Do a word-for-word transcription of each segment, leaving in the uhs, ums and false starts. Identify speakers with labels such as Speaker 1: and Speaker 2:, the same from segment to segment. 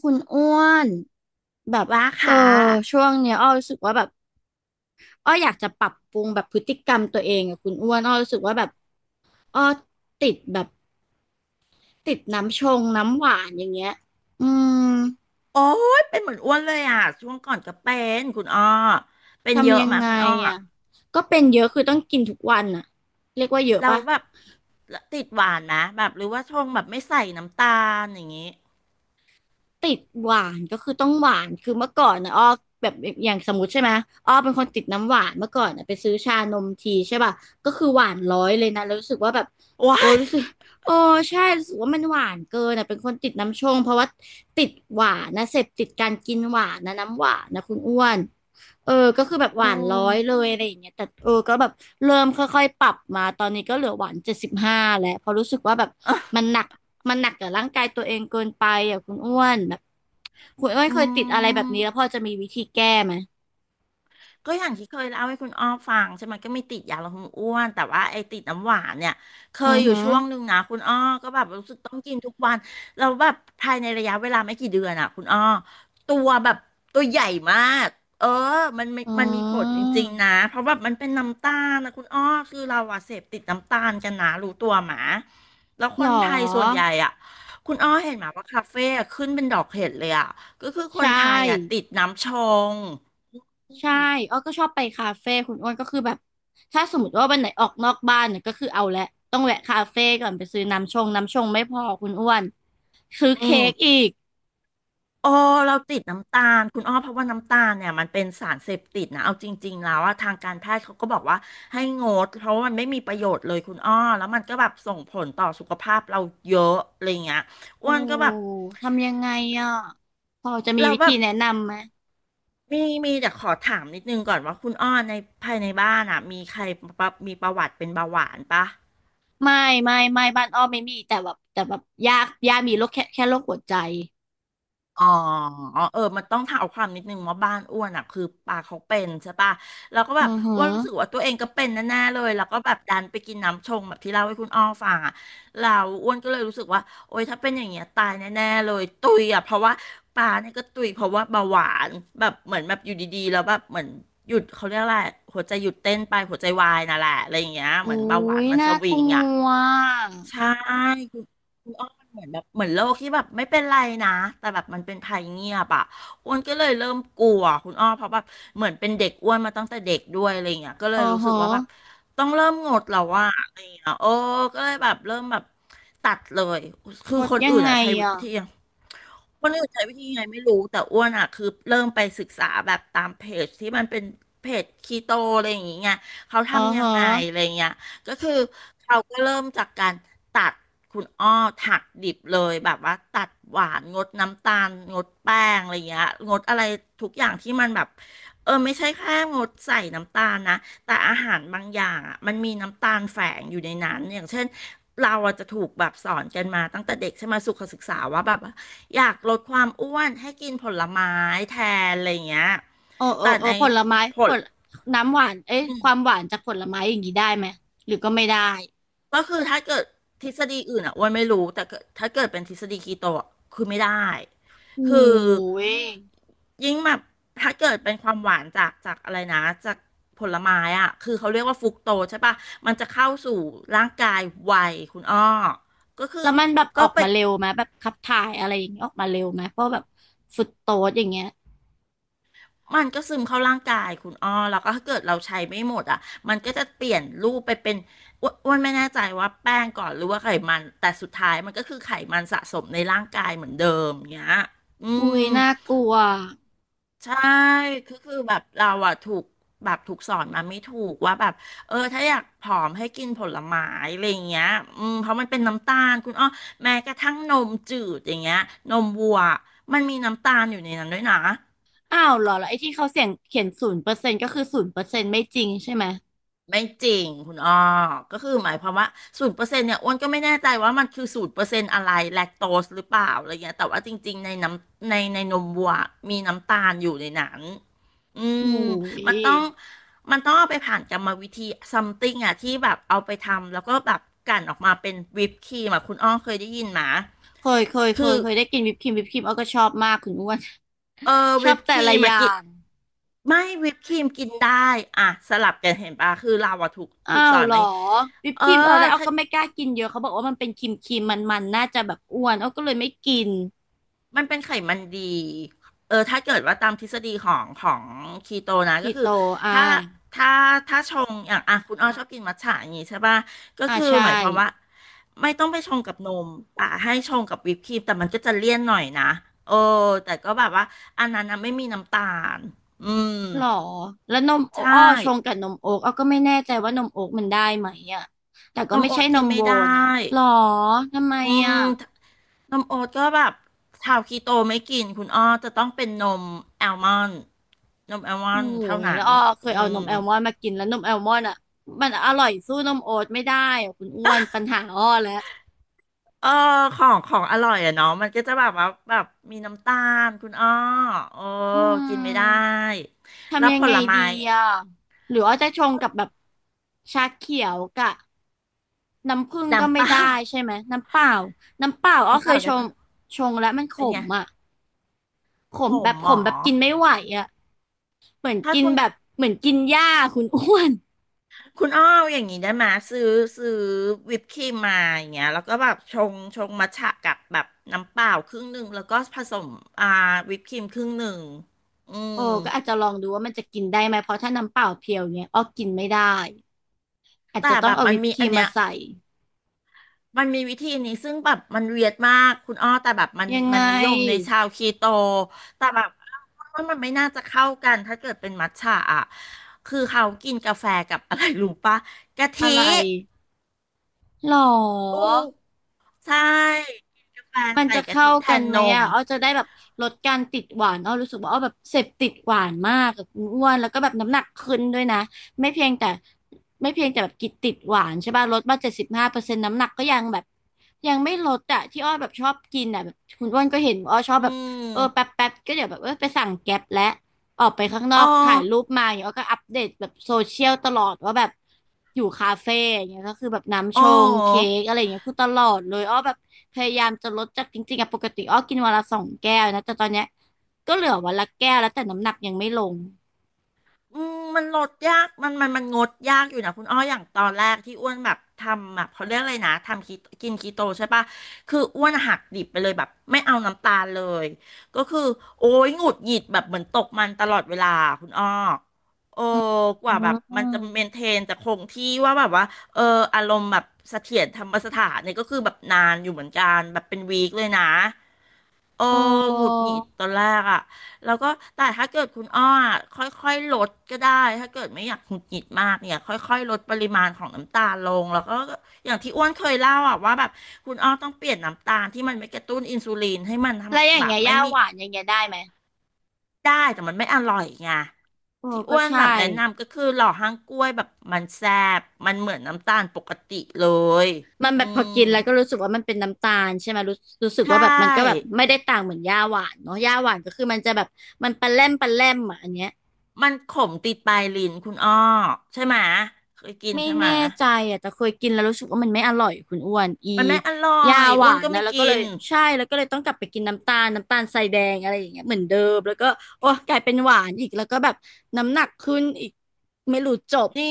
Speaker 1: คุณอ้วนแบบ
Speaker 2: ว่า
Speaker 1: เออ
Speaker 2: ค่ะ
Speaker 1: ช่วงเนี้ยอ้อรู้สึกว่าแบบอ้ออยากจะปรับปรุงแบบพฤติกรรมตัวเองอะคุณอ้วนอ้อรู้สึกว่าแบบอ้อติดแบบติดน้ำชงน้ำหวานอย่างเงี้ยอืม
Speaker 2: โอ้ยเป็นเหมือนอ้วนเลยอ่ะช่วงก่อนก็เป็นคุณอ้อเป็นเย
Speaker 1: ทำ
Speaker 2: อะ
Speaker 1: ยัง
Speaker 2: มา
Speaker 1: ไง
Speaker 2: คุณอ้อ
Speaker 1: อ่ะก็เป็นเยอะคือต้องกินทุกวันอ่ะเรียกว่าเยอะ
Speaker 2: เรา
Speaker 1: ปะ
Speaker 2: แบบติดหวานนะแบบหรือว่าชงแบบไม่ใส่น้ำตาลอย่างงี้
Speaker 1: ติดหวานก็คือต้องหวานคือเมื่อก่อนนะอ้อแบบอย่างสมมติใช่ไหมอ้อเป็นคนติดน้ำหวานเมื่อก่อนนะไปซื้อชานมทีใช่ป่ะก็คือหวานร้อยเลยนะแล้วรู้สึกว่าแบบ
Speaker 2: ว้า
Speaker 1: โอ้
Speaker 2: ย
Speaker 1: รู้สึกโอ้ใช่รู้สึกว่ามันหวานเกินอ่ะเป็นคนติดน้ำชงเพราะว่าติดหวานนะเสพติดการกินหวานนะน้ำหวานนะคุณอ้วน เออก็คือแบบ
Speaker 2: อื
Speaker 1: หวานร้
Speaker 2: ม
Speaker 1: อยเลยอะไรอย่างเงี้ยแต่เออก็แบบเริ่มค่อยๆปรับมาตอนนี้ก็เหลือหวานเจ็ดสิบห้าแล้ว เพราะรู้สึกว่าแบบ
Speaker 2: อ่ะ
Speaker 1: มันหนักมันหนักกับร่างกายตัวเองเกินไปอ่ะคุณอ้วนแบบคุณอ้วน
Speaker 2: อื
Speaker 1: เคยติดอะไรแบบ
Speaker 2: ม
Speaker 1: นี้แล้วพอจะมีวิธีแก้ไหม
Speaker 2: ก็อย่างที่เคยเล่าให้คุณอ้อฟังใช่ไหมก็มีติดยาลดความอ้วนแต่ว่าไอ้ติดน้ำหวานเนี่ยเค
Speaker 1: อื
Speaker 2: ย
Speaker 1: อ
Speaker 2: อยู่
Speaker 1: หือ
Speaker 2: ช่วงหนึ่งนะคุณอ้อก็แบบรู้สึกต้องกินทุกวันเราแล้วแบบภายในระยะเวลาไม่กี่เดือนอ่ะคุณอ้อตัวแบบตัวใหญ่มากเออมันมัน
Speaker 1: อื
Speaker 2: มันมีผลจริงๆนะ
Speaker 1: ม
Speaker 2: เพราะแบบมันเป็นน้ำตาลนะคุณอ้อคือเราอะเสพติดน้ำตาลกันนะรู้ตัวหมาแล้วค
Speaker 1: หรอ
Speaker 2: นไทยส่วนใหญ่อ่ะคุณอ้อเห็นไหมาว่าคาเฟ่อะขึ้นเป็นดอกเห็ดเลยอ่ะก็คือค
Speaker 1: ใช
Speaker 2: นไทยอ่ะ
Speaker 1: ่
Speaker 2: ติดน้ำชง
Speaker 1: ใช่อ้อก็ชอบไปคาเฟ่คุณอ้วนก็คือแบบถ้าสมมติว่าวันไหนออกนอกบ้านเนี่ยก็คือเอาแหละต้องแวะคาเฟ่ก่อนไปซื้อน้ำชงน้ำชงไม่พอคุณอ้วนซื้อ
Speaker 2: อื
Speaker 1: เค้
Speaker 2: ม
Speaker 1: กอีก
Speaker 2: โอ้เราติดน้ำตาลคุณอ้อเพราะว่าน้ำตาลเนี่ยมันเป็นสารเสพติดนะเอาจริงๆแล้วอะทางการแพทย์เขาก็บอกว่าให้งดเพราะว่ามันไม่มีประโยชน์เลยคุณอ้อแล้วมันก็แบบส่งผลต่อสุขภาพเราเยอะอะไรเงี้ย
Speaker 1: โอ้
Speaker 2: อ้วนก็แบบ
Speaker 1: ทำยังไงอ่ะพอจะมี
Speaker 2: เรา
Speaker 1: วิ
Speaker 2: แบ
Speaker 1: ธี
Speaker 2: บ
Speaker 1: แนะนำไหม
Speaker 2: มีมีแต่ขอถามนิดนึงก่อนว่าคุณอ้อในภายในบ้านอะมีใครปะมีประวัติเป็นเบาหวานปะ
Speaker 1: ไม่ไม่ไม่บ้านอ้อมไม่มีแต่แบบแต่แบบยากยากมีโรคแค่แค่โรคหัวใจ
Speaker 2: อ๋อเออมันต้องเท้าความนิดนึงว่าบ้านอ้วนอ่ะคือปลาเขาเป็นใช่ปะแล้วก็
Speaker 1: อื
Speaker 2: แบบ
Speaker 1: อหื
Speaker 2: อ้
Speaker 1: อ
Speaker 2: วนรู้สึกว่าตัวเองก็เป็นแน่ๆเลยแล้วก็แบบดันไปกินน้ำชงแบบที่เล่าให้คุณอ้อฟังอ่ะแล้วอ้วนก็เลยรู้สึกว่าโอ๊ยถ้าเป็นอย่างเงี้ยตายแน่ๆเลยตุยอ่ะเพราะว่าปลาเนี่ยก็ตุยเพราะว่าเบาหวานแบบเหมือนแบบอยู่ดีๆแล้วแบบเหมือนหยุดเขาเรียกอะไรหัวใจหยุดเต้นไปหัวใจวายน่ะแหละอะไรอย่างเงี้ยเหมือ
Speaker 1: โอ้
Speaker 2: นเบาหวาน
Speaker 1: ย
Speaker 2: มันส
Speaker 1: น่า
Speaker 2: วิ
Speaker 1: ก
Speaker 2: ง
Speaker 1: ลั
Speaker 2: อ่ะ
Speaker 1: ว
Speaker 2: ใช่คุณคุณอ้อมันเหมือนแบบเหมือนโลกที่แบบไม่เป็นไรนะแต่แบบมันเป็นภัยเงียบอ่ะอ้วนก็เลยเริ่มกลัวคุณอ้อเพราะแบบเหมือนเป็นเด็กอ้วนมาตั้งแต่เด็กด้วยอะไรเงี้ยก็เล
Speaker 1: อื
Speaker 2: ย
Speaker 1: อ
Speaker 2: รู้สึก
Speaker 1: หือ
Speaker 2: ว่าแบบต้องเริ่มงดแล้วว่าอะไรเงี้ยโอ้ก็เลยแบบเริ่มแบบตัดเลยคื
Speaker 1: ง
Speaker 2: อ
Speaker 1: ด
Speaker 2: คน
Speaker 1: ยัง
Speaker 2: อื่น
Speaker 1: ไง
Speaker 2: อะใช้
Speaker 1: อ่ะ
Speaker 2: วิธี อ้วนอื่นใช้วิธียังไงไม่รู้แต่อ้วนอ่ะคือเริ่มไปศึกษาแบบตามเพจที่มันเป็นเพจคีโตอะไรอย่างเงี้ยเขา
Speaker 1: อือ
Speaker 2: ทำยั
Speaker 1: หื
Speaker 2: งไงอะไร
Speaker 1: อ
Speaker 2: เงี้ยก็คือเขาก็เริ่มจากการตัดคุณอ้อถักดิบเลยแบบว่าตัดหวานงดน้ำตาลงดแป้งอะไรเงี้ยงดอะไรทุกอย่างที่มันแบบเออไม่ใช่แค่งดใส่น้ำตาลนะ แต่อาหารบางอย่างอ่ะมันมีน้ำตาลแฝงอยู่ในนั้นอย่างเช่นเราอะจจะถูกแบบสอนกันมาตั้งแต่เด็กใช่ไหมสุขศึกษาว่าแบบอยากลดความอ้วนให้กินผลไม้แทนอะไรอย่างเงี้ย
Speaker 1: เออเออ
Speaker 2: แต่
Speaker 1: เออ
Speaker 2: ใน
Speaker 1: ผลไม้
Speaker 2: ผ
Speaker 1: ผ
Speaker 2: ล
Speaker 1: ลน้ำหวานเอ๊ะความหวานจากผลไม้อย่างนี้ได้ไหมหรือก็ไม่ได้
Speaker 2: ก็คือถ้าเกิดทฤษฎีอื่นอ่ะอ้วนไม่รู้แต่เกิดถ้าเกิดเป็นทฤษฎีคีโตอะคือไม่ได้
Speaker 1: โอ้
Speaker 2: คือ
Speaker 1: ย
Speaker 2: ยิ่งแบบถ้าเกิดเป็นความหวานจากจากอะไรนะจากผลไม้อ่ะคือเขาเรียกว่าฟรุกโตใช่ปะมันจะเข้าสู่ร่างกายไวคุณอ้อก็คื
Speaker 1: แล้
Speaker 2: อ
Speaker 1: วมันแบบอ
Speaker 2: ก็
Speaker 1: อก
Speaker 2: ไป
Speaker 1: มาเร็วไหมแบบขับถ่ายอะไรอย่างนี้ออกมาเร็วไหมเพราะแบบฟรุตโตสอย่างเงี้ย
Speaker 2: มันก็ซึมเข้าร่างกายคุณอ้อแล้วก็ถ้าเกิดเราใช้ไม่หมดอ่ะมันก็จะเปลี่ยนรูปไปเป็นอ้วนอ้วนไม่แน่ใจว่าแป้งก่อนหรือว่าไขมันแต่สุดท้ายมันก็คือไขมันสะสมในร่างกายเหมือนเดิมเงี้ยอื
Speaker 1: อุ้ย
Speaker 2: ม
Speaker 1: น่ากลัว
Speaker 2: ใช่คือคือแบบเราอะถูกแบบถูกสอนมาไม่ถูกว่าแบบเออถ้าอยากผอมให้กินผลไม้อะไรอย่างเงี้ยอืมเพราะมันเป็นน้ำตาลคุณอ้อแม้กระทั่งนมจืดอย่างเงี้ยนมวัวมันมีน้ำตาลอยู่ในนั้นด้วยนะ
Speaker 1: อ้าวเหรอแล้วไอ้ที่เขาเสียงเขียนศูนย์เปอร์เซ็นต์ก็คือศูนย์เปอร์เซ็นต์ไม่จริงใช่ไหม
Speaker 2: ไม่จริงคุณอ้อก็คือหมายความว่าศูนย์เปอร์เซ็นต์เนี่ยอ้วนก็ไม่แน่ใจว่ามันคือศูนย์เปอร์เซ็นต์อะไรแลคโตสหรือเปล่าอะไรเงี้ยแต่ว่าจริงๆในน้ำในในนมวัวมีน้ำตาลอยู่ในนั้นอื
Speaker 1: อุ้
Speaker 2: ม
Speaker 1: ย
Speaker 2: มันต้องมันต้องเอาไปผ่านกรรมวิธีซัมติงอ่ะที่แบบเอาไปทำแล้วก็แบบกลั่นออกมาเป็นวิปครีมอ่ะคุณอ้อเคยได้ยินไหม
Speaker 1: เคยเคยเค
Speaker 2: คือ
Speaker 1: ยเคยได้กินวิปครีมวิปครีมเอาก็ชอบมากคุณอ้วน
Speaker 2: เออ
Speaker 1: ชอ
Speaker 2: วิ
Speaker 1: บ
Speaker 2: ปค
Speaker 1: แต่
Speaker 2: รี
Speaker 1: ละ
Speaker 2: ม
Speaker 1: อ
Speaker 2: มา
Speaker 1: ย่า
Speaker 2: กิน
Speaker 1: ง
Speaker 2: ไม่วิปครีมกินได้อ่ะสลับกันเห็นปะคือเราอะถูก
Speaker 1: อ้า
Speaker 2: ถูกส
Speaker 1: ว
Speaker 2: อน
Speaker 1: เหร
Speaker 2: ไหมา
Speaker 1: อ
Speaker 2: อย่างงี้
Speaker 1: วิป
Speaker 2: เออ
Speaker 1: ครีมเออแล้วเอา
Speaker 2: ถ้า
Speaker 1: ก็ไม่กล้ากินเยอะเขาบอกว่ามันเป็นครีมครีมมันมันน่าจะแบบอ้วนเอาก็เลยไม่กิน
Speaker 2: มันเป็นไขมันดี เออถ้าเกิดว่าตามทฤษฎีของของคีโตนะ
Speaker 1: คี
Speaker 2: ก็คื
Speaker 1: โต
Speaker 2: อ
Speaker 1: อ่า
Speaker 2: ถ้าถ้าถ้าชงอย่างอ่ะคุณอ้อชอบกินมัทฉะอย่างงี้ใช่ป่ะก็
Speaker 1: อ่า
Speaker 2: คือ
Speaker 1: ใช่
Speaker 2: หมายความว่าไม่ต้องไปชงกับนมแต่ให้ชงกับวิปครีมแต่มันก็จะเลี่ยนหน่อยนะโอ้แต่ก็แบบว่าอันนั้นนะไม่มีน้ำตาล อืม
Speaker 1: หรอแล้วนมโอ
Speaker 2: ใช่
Speaker 1: อ้อชงกับนมโอ๊กเอาก็ไม่แน่ใจว่านมโอ๊กมันได้ไหมอ่ะแต่ก็
Speaker 2: นม
Speaker 1: ไม่
Speaker 2: โอ๊
Speaker 1: ใช่
Speaker 2: ต
Speaker 1: น
Speaker 2: กิน
Speaker 1: ม
Speaker 2: ไม่
Speaker 1: โว
Speaker 2: ได้
Speaker 1: นะหรอทำไม
Speaker 2: อื
Speaker 1: อ่ะ
Speaker 2: มนมโอ๊ตก็แบบชาวคีโตไม่กินคุณอ้อจะต้องเป็นนมแอลมอนด์นมแอลมอ
Speaker 1: โอ้
Speaker 2: นด์เท่า
Speaker 1: ยแล้
Speaker 2: นั้
Speaker 1: ว
Speaker 2: น
Speaker 1: อ้อเคย
Speaker 2: อื
Speaker 1: เอานม
Speaker 2: ม
Speaker 1: แอลมอนด์มากินแล้วนมแอลมอนด์อ่ะมันอร่อยสู้นมโอ๊ตไม่ได้อะคุณอ้วนปัญหาอ้อแล้ว
Speaker 2: เออของของอร่อยอะเนาะมันก็จะแบบว่าแบบมีน้ำตาลคุณอ้อโอ้
Speaker 1: อื
Speaker 2: กินไม่ได้
Speaker 1: ม
Speaker 2: แล้ว
Speaker 1: ทำยั
Speaker 2: ผ
Speaker 1: งไง
Speaker 2: ลไม้
Speaker 1: ดีอ่ะหรืออ้อจะชง
Speaker 2: ก็
Speaker 1: กับแบบชาเขียวกะน้ำผึ้งก็
Speaker 2: น้ำ
Speaker 1: ไม่
Speaker 2: เปล่า
Speaker 1: ได้ใช่ไหมน้ำเปล่าน้ำเปล่าอ้อ
Speaker 2: น้ำ
Speaker 1: เค
Speaker 2: เป
Speaker 1: ย
Speaker 2: ล่า
Speaker 1: ช
Speaker 2: ได้ไหม
Speaker 1: งชงแล้วมันข
Speaker 2: เป็นไง
Speaker 1: มอ่ะข
Speaker 2: ผ
Speaker 1: มแบ
Speaker 2: ม
Speaker 1: บ
Speaker 2: หม
Speaker 1: ขม
Speaker 2: อ
Speaker 1: แบบกินไม่ไหวอ่ะเหมือน
Speaker 2: ถ้า
Speaker 1: กิน
Speaker 2: คุณ
Speaker 1: แบบเหมือนกินหญ้าคุณอ้วน
Speaker 2: คุณอ้ออย่างนี้ได้ไหมซื้อซื้อวิปครีมมาอย่างเงี้ยแล้วก็แบบชงชงมัทฉะกับแบบน้ำเปล่าครึ่งหนึ่งแล้วก็ผสมอ่าวิปครีมครึ่งหนึ่งอื
Speaker 1: โอ้
Speaker 2: ม
Speaker 1: ก็อาจจะลองดูว่ามันจะกินได้ไหมเพราะถ้าน้ำเปล่าเพียวเนี้ยอ้อกินไม่ได้ อาจ
Speaker 2: แต่
Speaker 1: จะต้
Speaker 2: แบ
Speaker 1: อง
Speaker 2: บ
Speaker 1: เอา
Speaker 2: มัน
Speaker 1: วิป
Speaker 2: มี
Speaker 1: ครี
Speaker 2: อัน
Speaker 1: ม
Speaker 2: เนี้
Speaker 1: มา
Speaker 2: ย
Speaker 1: ใส่
Speaker 2: มันมีวิธีนี้ซึ่งแบบมันเวียดมากคุณอ้อแต่แบบมัน
Speaker 1: ยังไง
Speaker 2: มันนิยมในชาวคีโตแต่แบบว่ามันไม่น่าจะเข้ากันถ้าเกิดเป็นมัทฉะอ่ะคือเขากินกาแฟกับอะไรรู้ปะกะ
Speaker 1: อะ
Speaker 2: ทิ
Speaker 1: ไรหรอ
Speaker 2: อูใช่กนกาแฟ
Speaker 1: มัน
Speaker 2: ใส่
Speaker 1: จะ
Speaker 2: กะ
Speaker 1: เข้า
Speaker 2: ทิแท
Speaker 1: กัน
Speaker 2: น
Speaker 1: ไห
Speaker 2: น
Speaker 1: ม
Speaker 2: ม
Speaker 1: อ่ะอ้อจะได้แบบลดการติดหวานอ้อรู้สึกว่าอ้อแบบเสพติดหวานมากกับคุณอ้วนแล้วก็แบบน้ำหนักขึ้นด้วยนะไม่เพียงแต่ไม่เพียงแต่แบบกินติดหวานใช่ป่ะลดมาเจ็ดสิบห้าเปอร์เซ็นต์น้ำหนักก็ยังแบบยังไม่ลดอ่ะที่อ้อแบบชอบกินอ่ะแบบคุณอ้วนก็เห็นอ้อชอบ
Speaker 2: อื
Speaker 1: แบบเออแป๊บ
Speaker 2: ม
Speaker 1: แป๊บก็เดี๋ยวแบบเออไปสั่งแก๊ปและออกไปข้างนอ
Speaker 2: อ้อ
Speaker 1: กถ่ายรูปมาอย่างเงี้ยอ้อก็อัปเดตแบบโซเชียลตลอดว่าแบบอยู่คาเฟ่อย่างเงี้ยก็คือแบบน้ำช
Speaker 2: อ้
Speaker 1: งเค้
Speaker 2: อ
Speaker 1: กอะไรอย่างเงี้ยคือตลอดเลยอ้อแบบ พยายามจะลดจากจริงๆอะปกติอ้อกินวันละสองแก้วนะแต่ตอนเนี้ยก็เหลือวันละแก้วแล้วแต่น้ำหนักยังไม่ลง
Speaker 2: อืม มันลดยากมันมันมันงดยากอยู่นะคุณอ้ออย่างตอนแรกที่อ้วนแบบทำแบบเขาเรียกอะไรนะ ทำคีกินคีโตใช่ปะคืออ้วนหักดิบไปเลยแบบไม่เอาน้ำตาลเลย ก็คือโอ้ยหงุดหงิดแบบเหมือนตกมันตลอดเวลาคุณอ้อโอ้
Speaker 1: อืม
Speaker 2: กว่าแบบ
Speaker 1: อื
Speaker 2: มัน
Speaker 1: ม
Speaker 2: จะเมนเทนจะคงที่ว่าแบบว่าเอออารมณ์แบบเสถียรธรรมสถานเนี่ยก็คือแบบนานอยู่เหมือนกันแบบเป็นวีคเลยนะ เออ
Speaker 1: โอ
Speaker 2: หงุด
Speaker 1: ้
Speaker 2: หงิดตอนแรกอ่ะแล้วก็แต่ถ้าเกิดคุณอ้ออะค่อยๆลดก็ได้ถ้าเกิดไม่อยากหงุดหงิดมากเนี่ยค่อยๆลดปริมาณของน้ำตาลลงแล้วก็อย่างที่อ้วนเคยเล่าอ่ะว่าแบบคุณอ้อต้องเปลี่ยนน้ำตาลที่มันไม่กระตุ้นอินซูลินให้มัน
Speaker 1: แล้วอ
Speaker 2: ทำ
Speaker 1: ย่าง
Speaker 2: แบบ
Speaker 1: เงี้ย
Speaker 2: ไม่
Speaker 1: ย่า
Speaker 2: มี
Speaker 1: หวานอย่างเงี้ยได้ไหม
Speaker 2: ได้แต่มันไม่อร่อยไง
Speaker 1: โอ้
Speaker 2: ที่
Speaker 1: ก็
Speaker 2: อ้วน
Speaker 1: ใช่
Speaker 2: แบบแนะนำก็คือหล่อห้างกล้วยแบบมันแซ่บมันเหมือนน้ำตาลปกติเลย
Speaker 1: มัน
Speaker 2: อื
Speaker 1: แบบพอ
Speaker 2: ม
Speaker 1: กินแล้วก็รู้สึกว่ามันเป็นน้ำตาลใช่ไหมรู้รู้สึก
Speaker 2: ใช
Speaker 1: ว่าแบบมันก็แบบ
Speaker 2: ่
Speaker 1: ไม่ได้ต่างเหมือนย่าหวานเนาะย่าหวานก็คือมันจะแบบมันปะแล่มปะแล่มอ่ะอันเนี้ย
Speaker 2: มันขมติดปลายลิ้นคุณอ้อใช่ไหมะเคยกิน
Speaker 1: ไม่
Speaker 2: ใช่ไห
Speaker 1: แน่
Speaker 2: มะ
Speaker 1: ใจอ่ะแต่เคยกินแล้วรู้สึกว่ามันไม่อร่อยคุณอ้วนอี
Speaker 2: มันไม่อร่อ
Speaker 1: ยา
Speaker 2: ย
Speaker 1: ห
Speaker 2: อ้
Speaker 1: วา
Speaker 2: วน
Speaker 1: น
Speaker 2: ก็
Speaker 1: นะ
Speaker 2: ไม่
Speaker 1: แล้วก็
Speaker 2: กิ
Speaker 1: เลย
Speaker 2: น
Speaker 1: ใช่แล้วก็เลยต้องกลับไปกินน้ำตาลน้ำตาลทรายแดงอะไรอย่างเงี้ยเหมือนเดิมแล้วก็โอ้กลายเป็นหวานอีกแล้วก็แบบน้ำหนักขึ้นอีกไม่รู้จบ
Speaker 2: นี่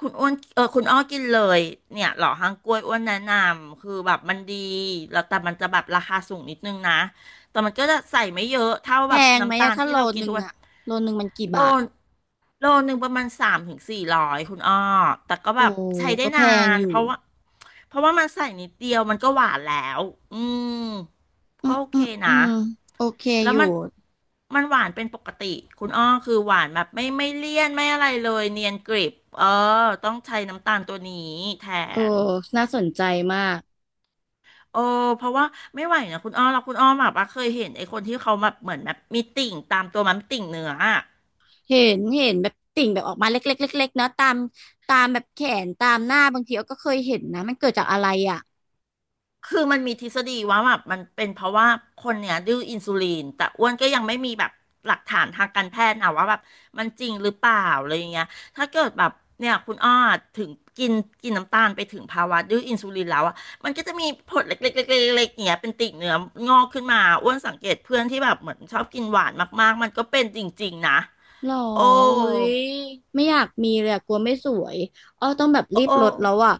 Speaker 2: คุณอ้วนเออคุณอ้อกินเลยเนี่ยหล่อฮังกล้วยอ้วนแนะนำคือแบบมันดีแล้วแต่มันจะแบบราคาสูงนิดนึงนะแต่มันก็จะใส่ไม่เยอะเท่า
Speaker 1: แพ
Speaker 2: แบบ
Speaker 1: งไหม
Speaker 2: น้ำตา
Speaker 1: อะ
Speaker 2: ล
Speaker 1: ถ้า
Speaker 2: ที่
Speaker 1: โล
Speaker 2: เรากิน
Speaker 1: นึ
Speaker 2: ทุ
Speaker 1: ง
Speaker 2: กวัน
Speaker 1: อะโลนึงมันกี่
Speaker 2: โล
Speaker 1: บาท
Speaker 2: โลหนึ่งประมาณสามถึงสี่ร้อยคุณอ้อแต่ก็
Speaker 1: โอ้
Speaker 2: แบบใช้ได้
Speaker 1: ก็แพ
Speaker 2: นา
Speaker 1: ง
Speaker 2: น
Speaker 1: อ
Speaker 2: เพ
Speaker 1: ยู่
Speaker 2: ราะว่าเพราะว่ามันใส่นิดเดียวมันก็หวานแล้วอืม
Speaker 1: อื
Speaker 2: ก็
Speaker 1: ม
Speaker 2: โอ
Speaker 1: อื
Speaker 2: เค
Speaker 1: มอื
Speaker 2: นะ
Speaker 1: มโอเค
Speaker 2: แล้
Speaker 1: อ
Speaker 2: ว
Speaker 1: ยู่
Speaker 2: มันมันหวานเป็นปกติคุณอ้อคือหวานแบบไม่ไม่เลี่ยนไม่อะไรเลยเนียนกริบเออต้องใช้น้ำตาลตัวนี้แท
Speaker 1: เออ
Speaker 2: น
Speaker 1: น่าสนใจมาก
Speaker 2: โอ้เพราะว่าไม่ไหวนะคุณอ้อเราคุณอ้อแบบว่าเคยเห็นไอ้คนที่เขาแบบเหมือนแบบมีติ่งตามตัวมันมีติ่งเนื้ออะ
Speaker 1: เห็นเห็นแบบติ่งแบบออกมาเล็กๆเล็กๆเนาะตามตามแบบแขนตามหน้าบางทีเราก็เคยเห็นนะมันเกิดจากอะไรอ่ะ
Speaker 2: คือมันมีทฤษฎีว่าแบบมันเป็นเพราะว่าคนเนี่ยดื้ออินซูลินแต่อ้วนก็ยังไม่มีแบบหลักฐานทางการแพทย์นะว่าแบบมันจริงหรือเปล่าอะไรอย่างเงี้ยถ้าเกิดแบบเนี่ยคุณอ้อถึงกินกินน้ำตาลไปถึงภาวะดื้ออินซูลินแล้วอ่ะมันก็จะมีผดเล็กๆๆๆๆอย่างเงี้ยเป็นติ่งเนื้องอกขึ้นมาอ้วนสังเกตเพื่อนที่แบบเหมือนชอบกินหวานมากๆมันก็เป็นจริงๆนะ
Speaker 1: หรอ
Speaker 2: โอ้
Speaker 1: อุ้ยไม่อยากมีเลยอะกลัวไม่สวยอ้อต้องแบบ
Speaker 2: โอ้
Speaker 1: รีบ
Speaker 2: โอ้
Speaker 1: ลดแล้วอ่ะ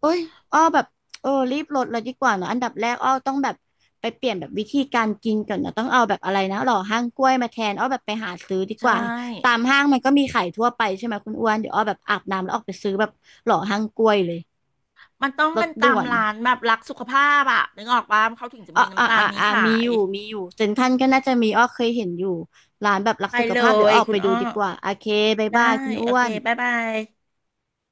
Speaker 1: โอ้ยอ้อแบบเออรีบลดเลยดีกว่าเนอะอันดับแรกอ้อต้องแบบไปเปลี่ยนแบบวิธีการกินก่อนนะต้องเอาแบบอะไรนะหล่อห้างกล้วยมาแทนอ้อแบบไปหาซื้อดี
Speaker 2: ใช
Speaker 1: กว่าตาม
Speaker 2: ่
Speaker 1: ห้างมันก็มีขายทั่วไปใช่ไหมคุณอ้วนเดี๋ยวอ้อแบบอาบน้ำแล้วออกไปซื้อแบบหล่อห้างกล้วยเลย
Speaker 2: มันต้อง
Speaker 1: ล
Speaker 2: เป็
Speaker 1: ด
Speaker 2: นตา
Speaker 1: ด่ว
Speaker 2: ม
Speaker 1: น
Speaker 2: ร้านแบบรักสุขภาพอะนึกออกปะเขาถึงจะ
Speaker 1: อ่า
Speaker 2: มี
Speaker 1: อ่า
Speaker 2: น้ำตาล
Speaker 1: อ่า
Speaker 2: นี้
Speaker 1: อ่ามี
Speaker 2: ขา
Speaker 1: อ
Speaker 2: ย
Speaker 1: ยู่มีอยู่เซ็นทรัลก็น่าจะมีอ้อเคยเห็นอยู่ร้านแบบรัก
Speaker 2: ไป
Speaker 1: สุข
Speaker 2: เล
Speaker 1: ภาพเดี๋ยว
Speaker 2: ย
Speaker 1: ออก
Speaker 2: คุ
Speaker 1: ไป
Speaker 2: ณ
Speaker 1: ดู
Speaker 2: อ้อ
Speaker 1: ดีกว่าโอเคบ๊าย
Speaker 2: ได้
Speaker 1: บายคุณอ้
Speaker 2: โอ
Speaker 1: ว
Speaker 2: เค
Speaker 1: น
Speaker 2: บ๊ายบาย